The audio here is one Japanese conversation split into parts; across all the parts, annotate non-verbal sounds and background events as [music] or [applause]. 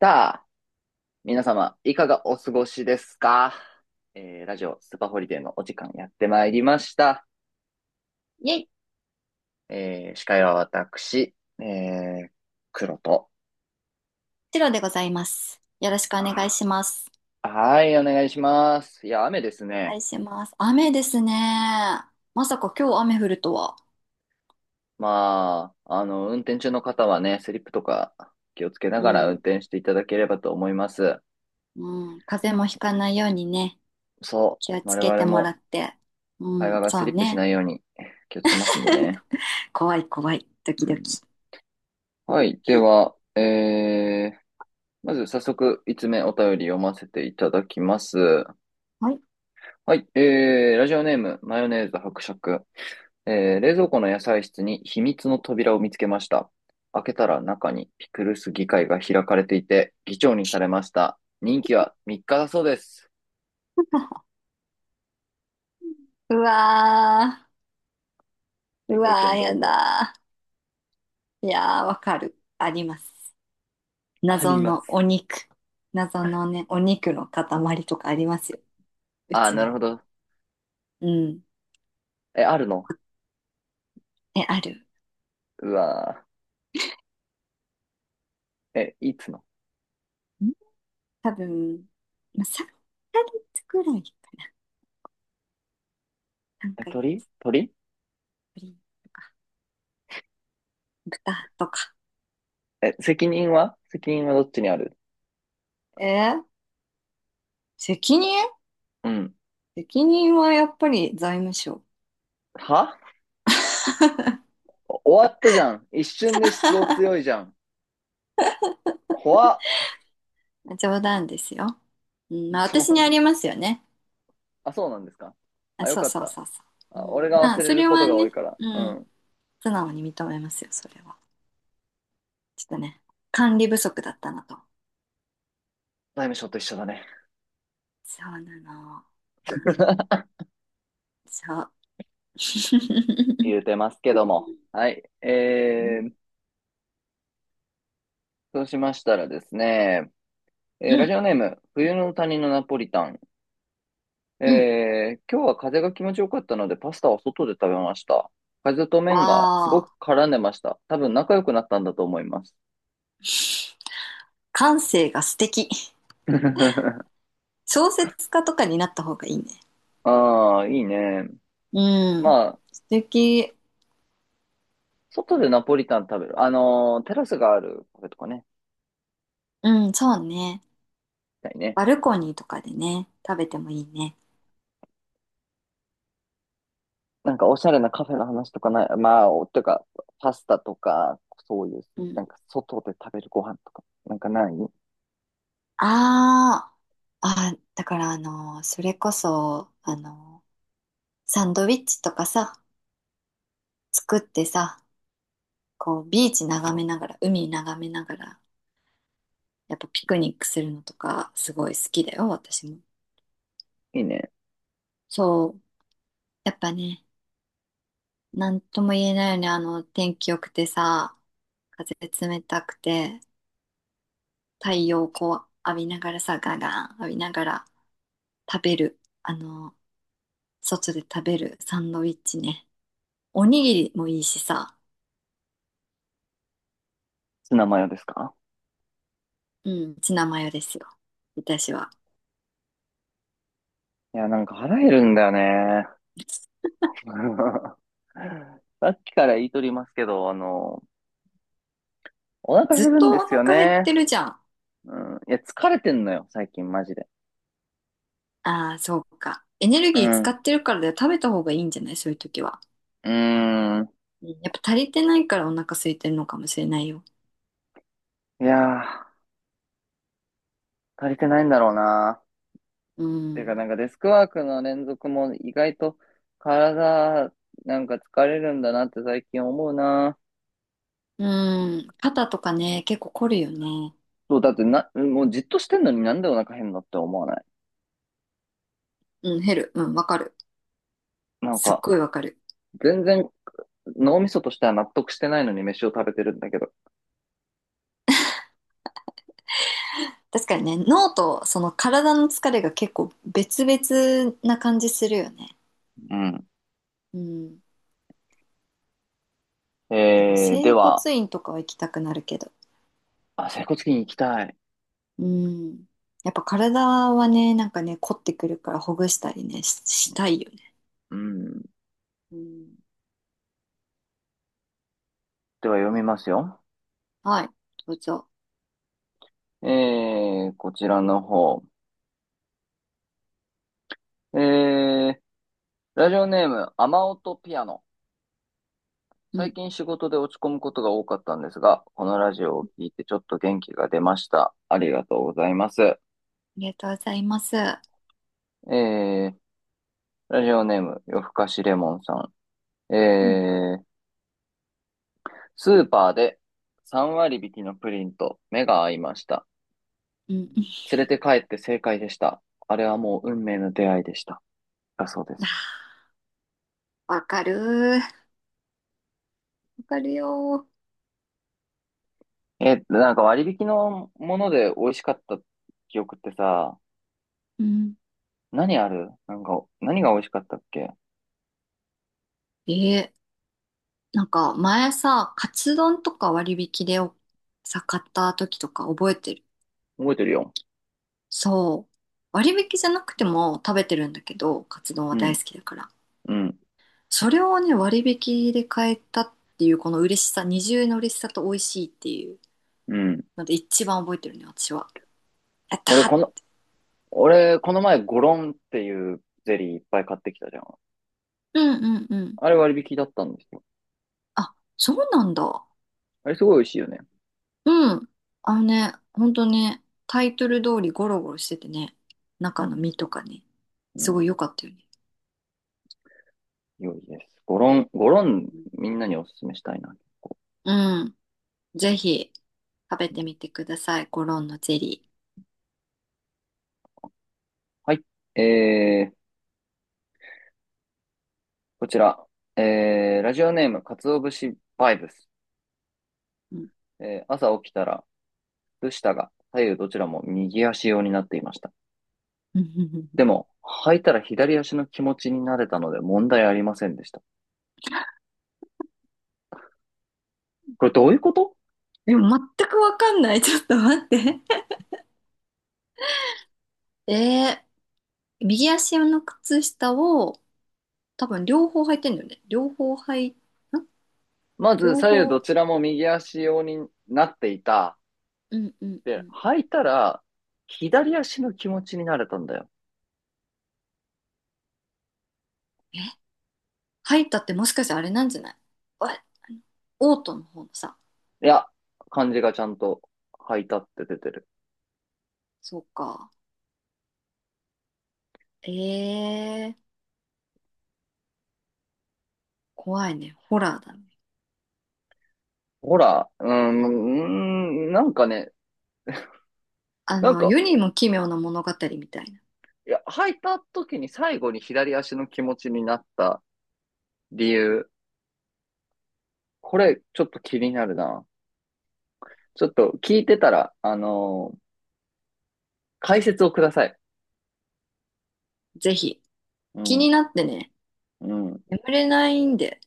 さあ、皆様、いかがお過ごしですか？ラジオスーパーホリデーのお時間やってまいりました。イェイ、司会は私、えー、黒と。チロでございます。よろしくお願いします。はい、お願いします。いや、雨ですお願ね。いします。雨ですね。まさか今日雨降るとは。まあ、運転中の方はね、スリップとか気をつけなうがら運ん、転していただければと思います。うん。風邪もひかないようにね、そ気をう、つ我けて々もらもって。会う話ん、がスそリうップしなね。いように気をつけますんでね。怖い怖い、ドうキドん、キ。はい、では、まず早速、5つ目お便り読ませていただきます。はい。はい、ラジオネーム、マヨネーズ伯爵。冷蔵庫の野菜室に秘密の扉を見つけました。開けたら中にピクルス議会が開かれていて、議長にされました。任期は3日だそうです。[laughs] うわはー、い、うご意わー、見どやうぞ。だー。いやー、わかる。あります。あり謎まのす。お肉。謎のね、お肉の塊とかありますよ。うあー、ちなにるほも。ど。うん。え、あるの？え、ある。うわー。え、いつの？多分、まあ、3ヶ月くらい、3え、ヶ鳥月鳥ぶりとか、豚とか。え、責任はどっちにある？えー責任、うん。責任はやっぱり財務省。は？ [laughs] 終わったじゃん。一瞬で出動強いじゃん。怖っ。冗談ですよ。うん、まあ [laughs] そ私にあう。りますよね。あ、そうなんですか。あ、あ、よそうかっそうた。そうそう。うあ、俺ん、がま忘あれそるれこはとが多いね、から。ううん、ん。素直に認めますよ、それは。ちょっとね、管理不足だったなと。財務省と一緒だね。そうなの。うん、[laughs] そう。[laughs] 言うてますけども。はい。うん、そうしましたらですね、うラジん、オネーム、冬の谷のナポリタン。うん。今日は風が気持ちよかったので、パスタは外で食べました。風とわ麺がすごくあ。絡んでました。多分仲良くなったんだと思います。感性が素敵。[laughs] 小説家とかになった方がいいね。ああ、いいね。うん。まあ、素敵。外でナポリタン食べる。テラスがあるカフェとかね、うん、そうね。行きたいね。バルコニーとかでね、食べてもいいね。なんかおしゃれなカフェの話とかない？まあ、おとか、パスタとか、そういう、うなんん。か外で食べるご飯とか、なんかない？ああ、だからそれこそ、サンドイッチとかさ、作ってさ、こう、ビーチ眺めながら、海眺めながら、やっぱピクニックするのとか、すごい好きだよ、私も。いいね。そう。やっぱね、なんとも言えないよね。あの、天気良くてさ、風冷たくて、太陽をこう浴びながらさ、ガガン浴びながら食べる。あの、外で食べるサンドイッチね。おにぎりもいいしさ、ツナマヨですか？うん、ツナマヨですよ。私は。いや、なんか腹減るんだよね。[laughs] さっきから言いとりますけど、お腹ずっ減るんでとおすよ腹減っね。てるじゃん。うん。いや、疲れてんのよ、最近、マジで。ああ、そうか。エネルうギー使ん。ってるからだよ。食べた方がいいんじゃないそういう時は。うーん。うん、やっぱ足りてないからお腹空いてるのかもしれないよ。いやー、足りてないんだろうな。うてか、なん。んかデスクワークの連続も意外と体なんか疲れるんだなって最近思うな。うん。肩とかね、結構凝るよね。そう、だってな、もうじっとしてんのになんでお腹減るのって思わない？うん、減る。うん、わかる。なんすっか、ごいわかる。全然脳みそとしては納得してないのに飯を食べてるんだけど。確かにね、脳とその体の疲れが結構別々な感じするよね。うん。うん。だからで整骨は、院とかは行きたくなるけど。あ、整骨院行きたい。うん。やっぱ体はね、なんかね、凝ってくるからほぐしたりね、したいよね。うん。うん。では読みますよ。はい。どうぞ。こちらの方。えー、ラジオネーム、雨音ピアノ。うん。最あ近仕事で落ち込むことが多かったんですが、このラジオを聞いてちょっと元気が出ました。ありがとうございます。りがとうございます。ー、ラジオネーム、夜更かしレモンさん。うん。スーパーで3割引きのプリンと目が合いました。うん。連れて帰って正解でした。あれはもう運命の出会いでした。だそうです。[laughs] わかる。わかるよ。なんか割引のもので美味しかった記憶ってさ、うん。何ある？なんか、何が美味しかったっけ？ええなんか前さ、カツ丼とか割引で買った時とか覚えてる？覚えてるよ。そう。割引じゃなくても食べてるんだけど、カツ丼はうん、大好きだから。うん、それをね、割引で買えたっていうこの嬉しさ、二重の嬉しさと美味しいっていううん。ので一番覚えてるね、私は。やっ俺、こたの、俺、この前、ゴロンっていうゼリーいっぱい買ってきたじゃん。ー、うんうんうん。あれ割引だったんですよ。あ、そうなんだ。あれすごい美味しいよね。うん。あのね、ほんとね、タイトル通りゴロゴロしててね、う中のん、身とかね、うすん、ごい良かったよね。良いです。ゴロン、ゴロン、みんなにおすすめしたいな。うん。ぜひ食べてみてください。コロンのゼリはい。えー、こちら。ラジオネーム、かつお節バイブス。ー。うん。 朝起きたら、靴下が左右どちらも右足用になっていました。で [laughs] も、履いたら左足の気持ちになれたので問題ありませんでした。これどういうこと？でも全くわかんない。[laughs] ちょっと待って。え、右足の靴下を多分両方履いてんだよね。まず両左右ど方。ちらも右足用になっていた。うんうんうで、ん。履いたら、左足の気持ちになれたんだよ。え、履いたってもしかしてあれなんじゃない？わ、オートの方のさ。いや、漢字がちゃんと履いたって出てる。そうか。えー、怖いね。ホラーだね。ほら、なんかね、あなんの、か、世にも奇妙な物語みたいな。いや、履いた時に最後に左足の気持ちになった理由、これちょっと気になるな。ちょっと聞いてたら、解説をください。ぜひ。う気ん、になってね。うん。眠れないんで。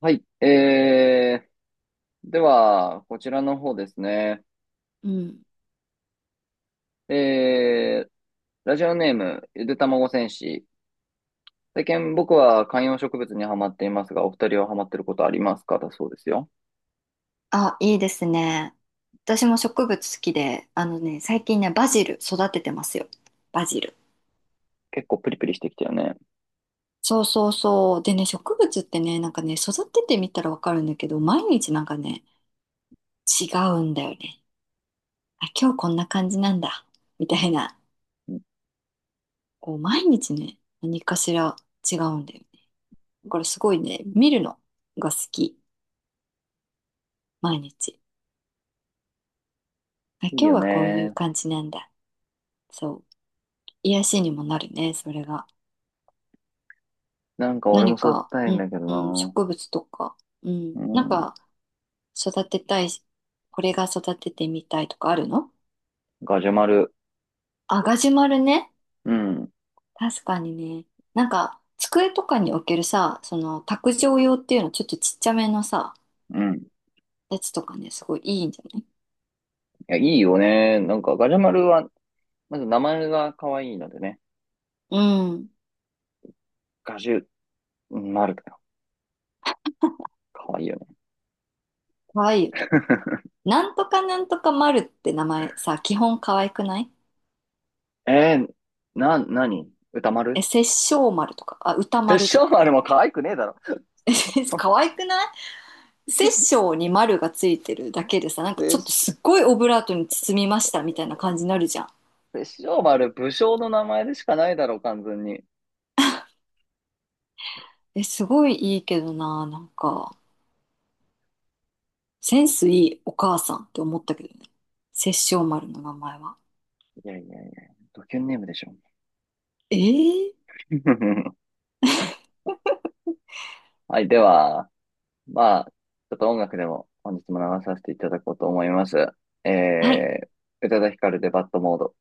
はい。では、こちらの方ですね。うん。えー、ラジオネーム、ゆでたまご戦士。最近僕は観葉植物にはまっていますが、お二人はハマってることありますか、だそうですよ。あ、いいですね。私も植物好きで、あのね、最近ね、バジル育ててますよ。バジル。結構プリプリしてきたよね。そうそうそう。でね、植物ってね、なんかね、育ててみたらわかるんだけど、毎日なんかね、違うんだよね。あ、今日こんな感じなんだ。みたいな。こう、毎日ね、何かしら違うんだよね。だからすごいね、見るのが好き。毎日。あ、いい今日よはこういうね。感じなんだ。そう。癒しにもなるね、それが。なんか俺も何育てか、たいうんん、だけどうん、な。植物とか、うん、うなんん。か育てたいし、これが育ててみたいとかあるの？ガジュマル。あ、ガジュマルね。うん。確かにね。なんか、机とかに置けるさ、その、卓上用っていうの、ちょっとちっちゃめのさ、うん。いやつとかね、すごいいいんじゃない？や、いいよね。なんかガジュマルは、まず名前が可愛いのでね。うん。ガジュマルだよ。可愛いよね。かわいいよね。[laughs] なんとかなんとか丸って名前さ、基本かわいくない？えー、なに歌え、丸？殺生丸とか、あ、歌殺丸と生か。丸も可愛くねえだろ。[laughs] かわいくない？殺生に丸がついてるだけでさ、なんかちょっと殺すっごいオブラートに包みましたみたいな感じになるじゃん。で、塩丸、武将の名前でしかないだろう、完全に。いえ、すごいいいけどな、なんか、センスいいお母さんって思ったけどね。殺生丸の名前は。やいやいや、ドキュンネームでしょ。えー、 [laughs] はい、では、まあ、ちょっと音楽でも本日も流させていただこうと思います。はい。えー、宇多田ヒカルでバッドモード。